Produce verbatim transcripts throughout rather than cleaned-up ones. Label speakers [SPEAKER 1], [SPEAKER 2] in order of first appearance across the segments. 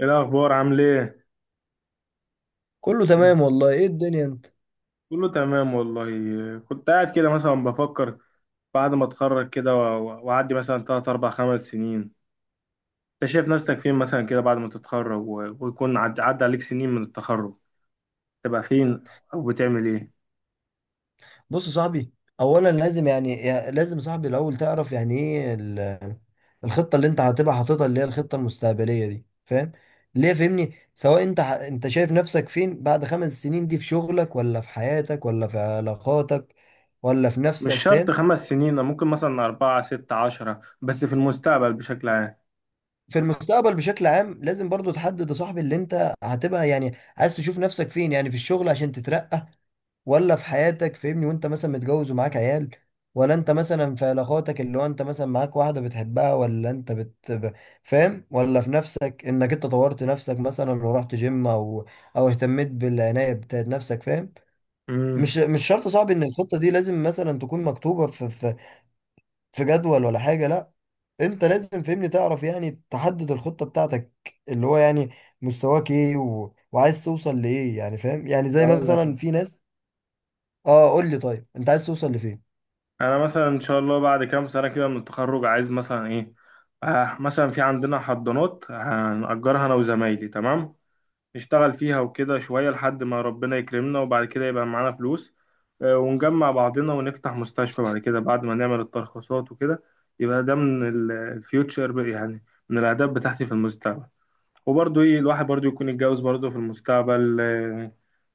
[SPEAKER 1] ايه الاخبار؟ عامل ايه؟
[SPEAKER 2] كله تمام والله، ايه الدنيا انت؟
[SPEAKER 1] كله تمام والله، كنت قاعد كده مثلا بفكر بعد ما اتخرج كده و- واعدي مثلا ثلاث اربعة خمس سنين. انت شايف نفسك فين مثلا كده بعد ما تتخرج و- ويكون عد- عدى عليك سنين من التخرج؟ تبقى فين؟ او بتعمل ايه؟
[SPEAKER 2] بص يا صاحبي، اولا لازم يعني يا- لازم يا صاحبي الاول تعرف يعني ايه ال- الخطه اللي انت هتبقى حاططها، اللي هي الخطه المستقبليه دي، فاهم؟ ليه؟ فهمني، سواء انت ح- انت شايف نفسك فين بعد خمس سنين دي، في شغلك ولا في حياتك ولا في علاقاتك ولا في
[SPEAKER 1] مش
[SPEAKER 2] نفسك،
[SPEAKER 1] شرط
[SPEAKER 2] فاهم؟
[SPEAKER 1] خمس سنين، ممكن مثلا أربعة ستة عشرة، بس في المستقبل بشكل عام.
[SPEAKER 2] في المستقبل بشكل عام لازم برضو تحدد يا صاحبي اللي انت هتبقى يعني عايز تشوف نفسك فين، يعني في الشغل عشان تترقى، ولا في حياتك، فاهمني، وانت مثلا متجوز ومعاك عيال، ولا انت مثلا في علاقاتك، اللي هو انت مثلا معاك واحدة بتحبها، ولا انت بت ب- فاهم؟ ولا في نفسك، انك انت طورت نفسك مثلا ورحت جيم، او او اهتميت بالعناية بتاعت نفسك، فاهم؟ مش
[SPEAKER 1] امم
[SPEAKER 2] مش شرط صعب ان الخطة دي لازم مثلا تكون مكتوبة في في في جدول ولا حاجة، لا. انت لازم فهمني تعرف يعني تحدد الخطة بتاعتك، اللي هو يعني مستواك ايه و... وعايز توصل لايه، يعني فاهم؟ يعني زي
[SPEAKER 1] اقول لك.
[SPEAKER 2] مثلا في ناس. اه، قول لي، طيب انت عايز توصل لفين؟
[SPEAKER 1] انا مثلا ان شاء الله بعد كام سنه كده من التخرج عايز مثلا ايه، آه مثلا في عندنا حضانات هنأجرها انا وزمايلي، تمام؟ نشتغل فيها وكده شوية لحد ما ربنا يكرمنا، وبعد كده يبقى معانا فلوس، آه، ونجمع بعضنا ونفتح مستشفى بعد كده، بعد ما نعمل الترخيصات وكده. يبقى ده من الفيوتشر يعني، من الأهداف بتاعتي في المستقبل. وبرضه إيه، الواحد برضه يكون يتجوز برضه في المستقبل، آه،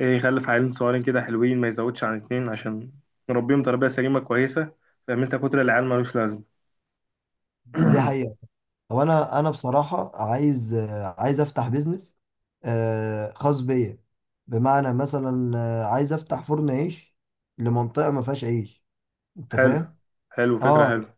[SPEAKER 1] إيه، يخلف عيالين صغيرين كده حلوين، ما يزودش عن اتنين عشان نربيهم تربية سليمة كويسة. فاهم أنت؟ كتر العيال ملوش لازمة.
[SPEAKER 2] دي حقيقة. هو انا انا بصراحة عايز آه، عايز افتح بيزنس آه، خاص بيا، بمعنى مثلا آه، عايز افتح فرن عيش لمنطقة ما فيهاش عيش، انت
[SPEAKER 1] حلو.
[SPEAKER 2] فاهم؟
[SPEAKER 1] حلو، فكرة
[SPEAKER 2] اه،
[SPEAKER 1] حلوة.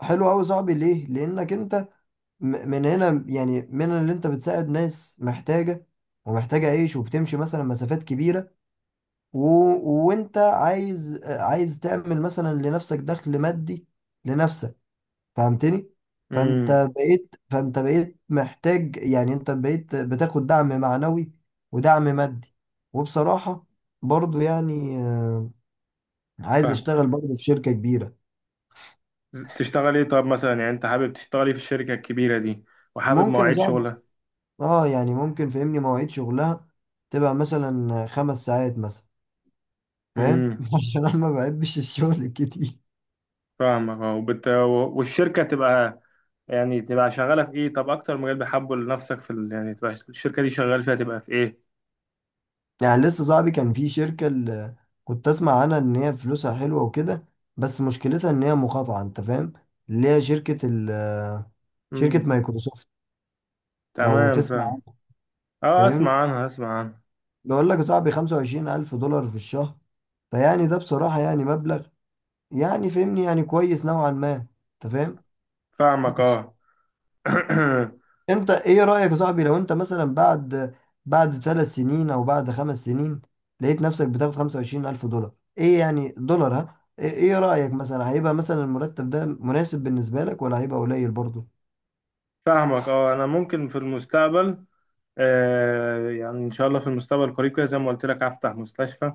[SPEAKER 2] حلو قوي صاحبي، ليه؟ لانك انت م- من هنا يعني، من اللي انت بتساعد ناس محتاجة ومحتاجة عيش وبتمشي مثلا مسافات كبيرة، و... وانت عايز آه، عايز تعمل مثلا لنفسك دخل مادي لنفسك، فهمتني؟ فانت
[SPEAKER 1] امم.
[SPEAKER 2] بقيت فانت بقيت محتاج يعني، انت بقيت بتاخد دعم معنوي ودعم مادي. وبصراحة برضو يعني آه، عايز
[SPEAKER 1] فاهم.
[SPEAKER 2] اشتغل برضو في شركة كبيرة.
[SPEAKER 1] تشتغل ايه؟ طب مثلا يعني انت حابب تشتغل ايه في الشركة الكبيرة دي؟ وحابب
[SPEAKER 2] ممكن
[SPEAKER 1] مواعيد
[SPEAKER 2] اصعب،
[SPEAKER 1] شغلها؟
[SPEAKER 2] اه يعني ممكن، فهمني، مواعيد شغلها تبقى مثلا خمس ساعات مثلا، فاهم؟
[SPEAKER 1] امم.
[SPEAKER 2] عشان انا ما بحبش الشغل الكتير.
[SPEAKER 1] فاهمك، اه. وبت... و- والشركة تبقى يعني تبقى شغالة في ايه؟ طب اكتر مجال بحبه لنفسك في ال... يعني تبقى الشركة دي شغال فيها تبقى في ايه؟
[SPEAKER 2] يعني لسه صاحبي، كان في شركة اللي كنت اسمع عنها ان هي فلوسها حلوة وكده، بس مشكلتها ان هي مقاطعة، انت فاهم؟ اللي هي شركة ال شركة
[SPEAKER 1] امم.
[SPEAKER 2] مايكروسوفت. لو
[SPEAKER 1] تمام،
[SPEAKER 2] تسمع
[SPEAKER 1] فاهم.
[SPEAKER 2] عنها،
[SPEAKER 1] اه، اسمع
[SPEAKER 2] فاهمني؟
[SPEAKER 1] عنها، اسمع عنها.
[SPEAKER 2] بقول لك يا صاحبي، 25000 ألف دولار في الشهر، فيعني ده بصراحة يعني مبلغ يعني، فاهمني، يعني كويس نوعا ما، انت فاهم؟
[SPEAKER 1] فاهمك، اه.
[SPEAKER 2] انت ايه رأيك يا صاحبي لو انت مثلا بعد بعد ثلاث سنين او بعد خمس سنين لقيت نفسك بتاخد خمسة وعشرين الف دولار، ايه يعني دولار؟ ها، ايه ايه رأيك مثلا هيبقى مثلا المرتب ده مناسب بالنسبة لك، ولا هيبقى قليل برضه؟
[SPEAKER 1] فاهمك، اه. انا ممكن في المستقبل، آه يعني ان شاء الله في المستقبل القريب كده زي ما قلت لك هفتح مستشفى،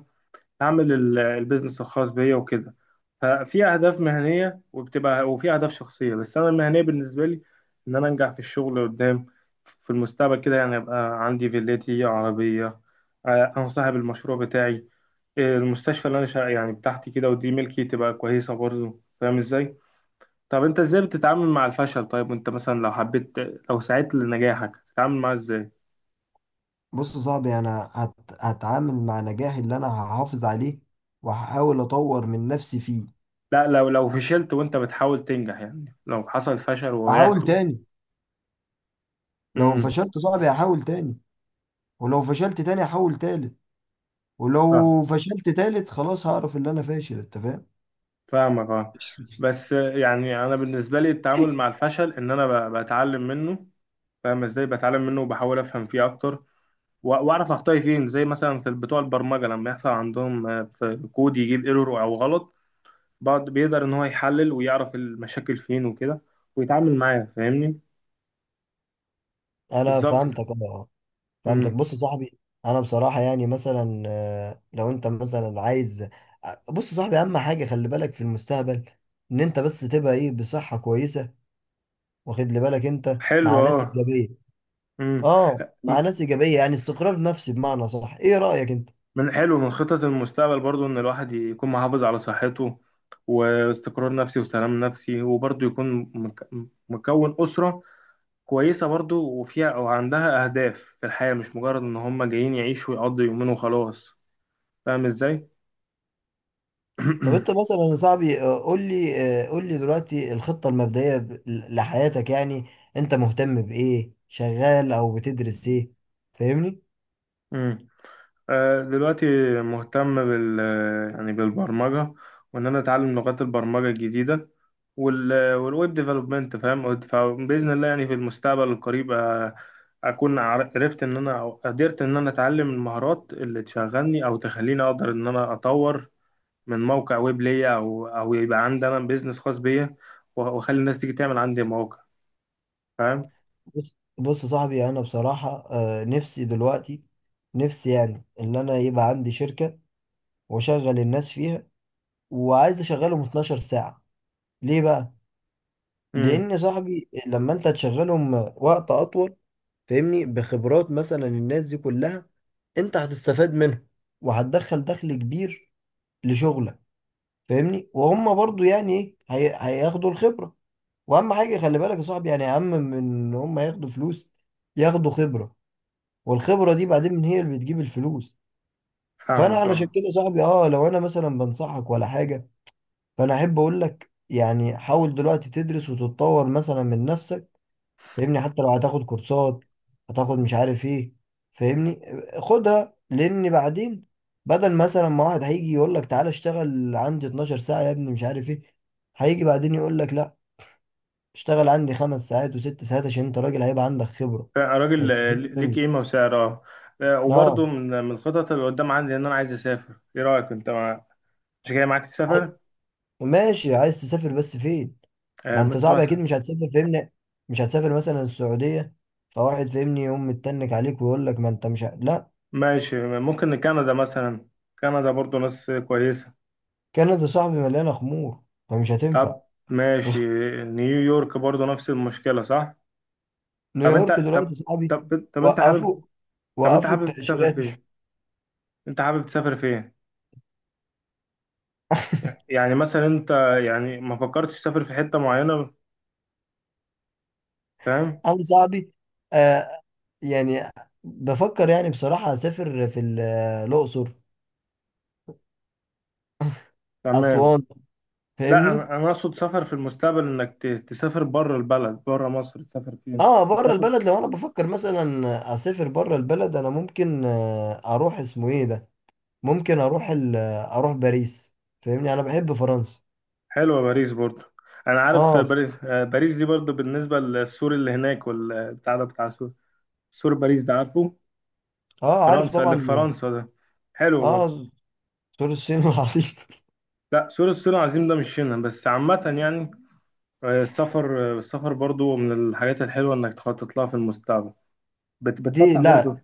[SPEAKER 1] اعمل ال- البيزنس الخاص بيا وكده. ففي اهداف مهنيه وبتبقى وفي اهداف شخصيه. بس انا المهنيه بالنسبه لي ان انا انجح في الشغل قدام، في المستقبل كده يعني ابقى عندي فيلتي عربيه، آه، انا صاحب المشروع بتاعي، آه، المستشفى اللي انا شا- يعني بتاعتي كده، ودي ملكي، تبقى كويسه برضه. فاهم ازاي؟ طب انت ازاي بتتعامل مع الفشل؟ طيب وانت مثلا لو حبيت، لو سعيت لنجاحك تتعامل معاه ازاي؟
[SPEAKER 2] بص يا صاحبي، انا هت... هتعامل مع نجاحي اللي انا هحافظ عليه، وهحاول اطور من نفسي فيه.
[SPEAKER 1] لا، لو لو فشلت وانت بتحاول تنجح، يعني لو حصل فشل ووقعت
[SPEAKER 2] احاول
[SPEAKER 1] و-
[SPEAKER 2] تاني. لو
[SPEAKER 1] امم.
[SPEAKER 2] فشلت يا صاحبي هحاول تاني، ولو فشلت تاني هحاول تالت،
[SPEAKER 1] فاهم.
[SPEAKER 2] ولو فشلت تالت خلاص هعرف ان انا فاشل، انت فاهم؟
[SPEAKER 1] فاهمك، اه. بس يعني انا بالنسبه لي التعامل مع الفشل ان انا ب- بتعلم منه. فاهم ازاي؟ بتعلم منه وبحاول افهم فيه اكتر، و- واعرف اخطائي فين، زي مثلا في بتوع البرمجه لما يحصل عندهم آه، في كود يجيب ايرور او غلط، بعد بيقدر ان هو يحلل ويعرف المشاكل فين وكده، ويتعامل معاها. فاهمني؟
[SPEAKER 2] انا
[SPEAKER 1] بالظبط كده.
[SPEAKER 2] فهمتك انا فهمتك
[SPEAKER 1] امم.
[SPEAKER 2] بص يا صاحبي، انا بصراحه يعني مثلا، آه، لو انت مثلا عايز، بص يا صاحبي اهم حاجه خلي بالك في المستقبل ان انت بس تبقى ايه، بصحه كويسه، واخد لي بالك انت
[SPEAKER 1] حلو،
[SPEAKER 2] مع ناس
[SPEAKER 1] اه.
[SPEAKER 2] ايجابيه.
[SPEAKER 1] امم.
[SPEAKER 2] اه، مع ناس ايجابيه، يعني استقرار نفسي، بمعنى صح، ايه رايك انت؟
[SPEAKER 1] من حلو، من خطط المستقبل برضو ان الواحد يكون محافظ على صحته، واستقرار نفسي وسلام نفسي، وبرضو يكون مك- مكون أسرة كويسة برضو، وفيها او عندها اهداف في الحياة، مش مجرد ان هم جايين يعيشوا ويقضوا يومين وخلاص. فاهم ازاي؟
[SPEAKER 2] طب انت مثلا يا صاحبي آه، قول لي آه، قول لي دلوقتي الخطه المبدئيه ب- لحياتك يعني، انت مهتم بايه؟ شغال او بتدرس ايه؟ فاهمني؟
[SPEAKER 1] مم. آه، دلوقتي مهتم بال يعني بالبرمجة، وإن أنا أتعلم لغات البرمجة الجديدة، وال والويب ديفلوبمنت. فاهم؟ فبإذن الله يعني في المستقبل القريب، آه، أكون عر- عرفت إن أنا، أو قدرت إن أنا أتعلم المهارات اللي تشغلني أو تخليني أقدر إن أنا أطور من موقع ويب ليا، أو أو يبقى عندي أنا بيزنس خاص بيا، وأخلي الناس تيجي تعمل عندي موقع. فاهم؟
[SPEAKER 2] بص بص يا صاحبي، انا بصراحه آه، نفسي دلوقتي، نفسي يعني ان انا يبقى عندي شركه واشغل الناس فيها، وعايز اشغلهم اتناشر ساعه. ليه بقى؟
[SPEAKER 1] امم.
[SPEAKER 2] لان يا صاحبي لما انت تشغلهم وقت اطول، فاهمني، بخبرات مثلا الناس دي كلها، انت هتستفاد منها، وهتدخل دخل كبير لشغلك، فاهمني، وهم برضو يعني ايه، هي- هياخدوا الخبره. واهم حاجه خلي بالك يا صاحبي، يعني اهم من ان هم ياخدوا فلوس، ياخدوا خبره، والخبرة دي بعدين هي اللي بتجيب الفلوس. فانا
[SPEAKER 1] فاهمك،
[SPEAKER 2] علشان
[SPEAKER 1] أه.
[SPEAKER 2] كده صاحبي، اه، لو انا مثلا بنصحك ولا حاجة، فانا احب اقول لك يعني حاول دلوقتي تدرس وتتطور مثلا من نفسك، فاهمني، حتى لو هتاخد كورسات، هتاخد مش عارف ايه، فاهمني، خدها، لان بعدين بدل مثلا ما واحد هيجي يقول لك تعالى اشتغل عندي اتناشر ساعة يا ابني مش عارف ايه، هيجي بعدين يقول لك لا، اشتغل عندي خمس ساعات وست ساعات، عشان انت راجل هيبقى عندك خبرة،
[SPEAKER 1] راجل، آه،
[SPEAKER 2] هيستفيد
[SPEAKER 1] ليك
[SPEAKER 2] منك.
[SPEAKER 1] قيمة وسعر، اه. آه،
[SPEAKER 2] اه
[SPEAKER 1] وبرضه من من الخطط اللي قدام عندي ان انا عايز اسافر. ايه رأيك انت مع...؟ مش جاي معاك تسافر؟
[SPEAKER 2] ماشي، عايز تسافر بس فين؟
[SPEAKER 1] آه،
[SPEAKER 2] ما انت
[SPEAKER 1] بس
[SPEAKER 2] صعب اكيد
[SPEAKER 1] مثلا،
[SPEAKER 2] مش هتسافر، فاهمني، مش هتسافر مثلا السعودية، فواحد فاهمني يقوم متنك عليك ويقول لك ما انت مش ه... لا.
[SPEAKER 1] ماشي. ممكن كندا مثلا، كندا برضه ناس كويسة.
[SPEAKER 2] كندا صاحبي مليانة خمور، فمش هتنفع.
[SPEAKER 1] طب، ماشي. نيويورك برضه نفس المشكلة، صح؟ طب
[SPEAKER 2] نيويورك
[SPEAKER 1] انت طب
[SPEAKER 2] دلوقتي صاحبي
[SPEAKER 1] طب طب انت حابب
[SPEAKER 2] وقفوا
[SPEAKER 1] طب انت
[SPEAKER 2] وقفوا
[SPEAKER 1] حابب تسافر
[SPEAKER 2] التأشيرات.
[SPEAKER 1] فين؟ انت حابب تسافر فين؟ يعني مثلا انت، يعني ما فكرتش تسافر في حتة معينة؟ فاهم؟
[SPEAKER 2] انا صاحبي، آه يعني بفكر يعني بصراحة اسافر في ال- الاقصر،
[SPEAKER 1] تمام.
[SPEAKER 2] اسوان،
[SPEAKER 1] لا،
[SPEAKER 2] فاهمني.
[SPEAKER 1] انا انا اقصد سفر في المستقبل، انك ت- تسافر بره البلد، بره مصر تسافر فين؟
[SPEAKER 2] اه بره
[SPEAKER 1] تسافر.
[SPEAKER 2] البلد، لو انا بفكر مثلا اسافر بره البلد انا ممكن آه، اروح اسمه ايه ده، ممكن اروح ال... اروح باريس، فاهمني، انا بحب فرنسا.
[SPEAKER 1] حلوه باريس برضو. انا عارف
[SPEAKER 2] اه.
[SPEAKER 1] باريس، آه، باريس دي برضو بالنسبه للسور اللي هناك والبتاع ده بتاع سور. سور باريس ده، عارفه؟
[SPEAKER 2] اه عارف
[SPEAKER 1] فرنسا اللي
[SPEAKER 2] طبعا.
[SPEAKER 1] في فرنسا ده، حلو برضو.
[SPEAKER 2] اه، سور الصين والعصير.
[SPEAKER 1] لا، سور الصين العظيم ده مش هنا، بس عامه يعني. آه، السفر آه، السفر برضو من الحاجات الحلوه انك تخطط لها في المستقبل، بت-
[SPEAKER 2] دي
[SPEAKER 1] بتفتح برضو.
[SPEAKER 2] لا.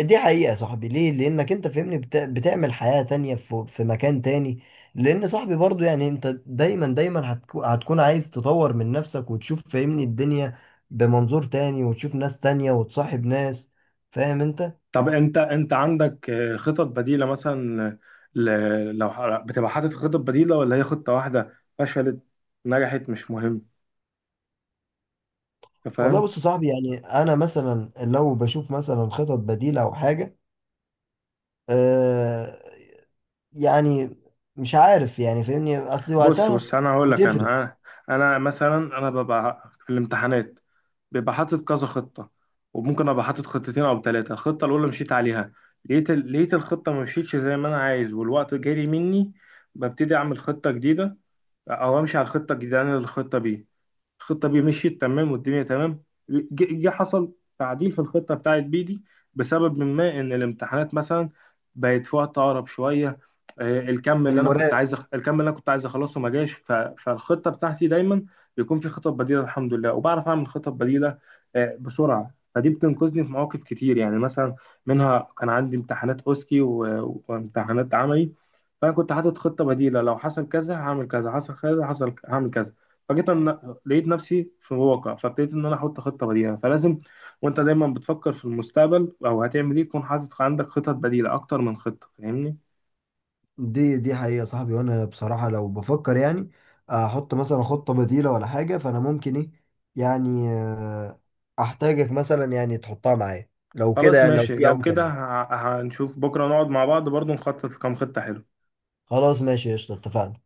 [SPEAKER 2] دي حقيقة يا صاحبي، ليه؟ لانك انت فاهمني، بت... بتعمل حياة تانية في... في مكان تاني، لان صاحبي برضو يعني انت دايما دايما هتكو... هتكون عايز تطور من نفسك وتشوف، فاهمني، الدنيا بمنظور تاني، وتشوف ناس تانية وتصاحب ناس، فاهم انت؟
[SPEAKER 1] طب انت انت عندك آه، خطط بديلة مثلا؟ ل... لو ح- بتبقى حاطط خطط بديلة، ولا هي خطة واحدة، فشلت نجحت مش مهم؟ انت
[SPEAKER 2] والله
[SPEAKER 1] فاهم؟
[SPEAKER 2] بص يا صاحبي، يعني انا مثلا لو بشوف مثلا خطط بديلة او حاجة، آه، يعني مش عارف يعني، فاهمني، اصل
[SPEAKER 1] بص
[SPEAKER 2] وقتها
[SPEAKER 1] بص انا هقول لك.
[SPEAKER 2] بتفرق.
[SPEAKER 1] انا انا أنا مثلا انا ببقى في الامتحانات بيبقى حاطط كذا خطة، وممكن ابقى حاطط خطتين او ثلاثة. الخطة الاولى مشيت عليها، لقيت ال... لقيت الخطة ما مشيتش زي ما انا عايز، والوقت جري مني، ببتدي اعمل خطة جديدة، او امشي على الخطة الجديدة. اللي انا الخطة بيه، الخطه بي مشيت تمام والدنيا تمام، جه جه حصل تعديل في الخطه بتاعت بي دي، بسبب ما ان الامتحانات مثلا بقت في وقت اقرب شويه، آه، الكم اللي انا كنت
[SPEAKER 2] المراقب.
[SPEAKER 1] عايز أخ... الكم اللي انا كنت عايز اخلصه ما جاش، ف... فالخطه بتاعتي دايما بيكون في خطط بديله الحمد لله، وبعرف اعمل خطط بديله آه، بسرعه، فدي بتنقذني في مواقف كتير. يعني مثلا منها كان عندي امتحانات اوسكي و... وامتحانات عملي، فانا كنت حاطط خطه بديله، لو حصل كذا هعمل كذا، حصل كذا، حصل هعمل كذا، فجيت أن- لقيت نفسي في واقع، فابتديت ان انا احط خطه بديله فلازم. وانت دايما بتفكر في المستقبل او هتعمل ايه، تكون حاطط عندك خطط بديله اكتر من خطه، فاهمني؟
[SPEAKER 2] دي دي حقيقة صاحبي، وانا بصراحة لو بفكر يعني احط مثلا خطة بديلة ولا حاجة، فانا ممكن ايه، يعني آه، احتاجك مثلا يعني تحطها معايا، لو كده
[SPEAKER 1] خلاص
[SPEAKER 2] يعني لو
[SPEAKER 1] ماشي،
[SPEAKER 2] في
[SPEAKER 1] لو كده
[SPEAKER 2] امكانية.
[SPEAKER 1] ه- هنشوف بكره نقعد مع بعض برضو نخطط كام خطه حلوه.
[SPEAKER 2] خلاص ماشي، قشطة، اتفقنا.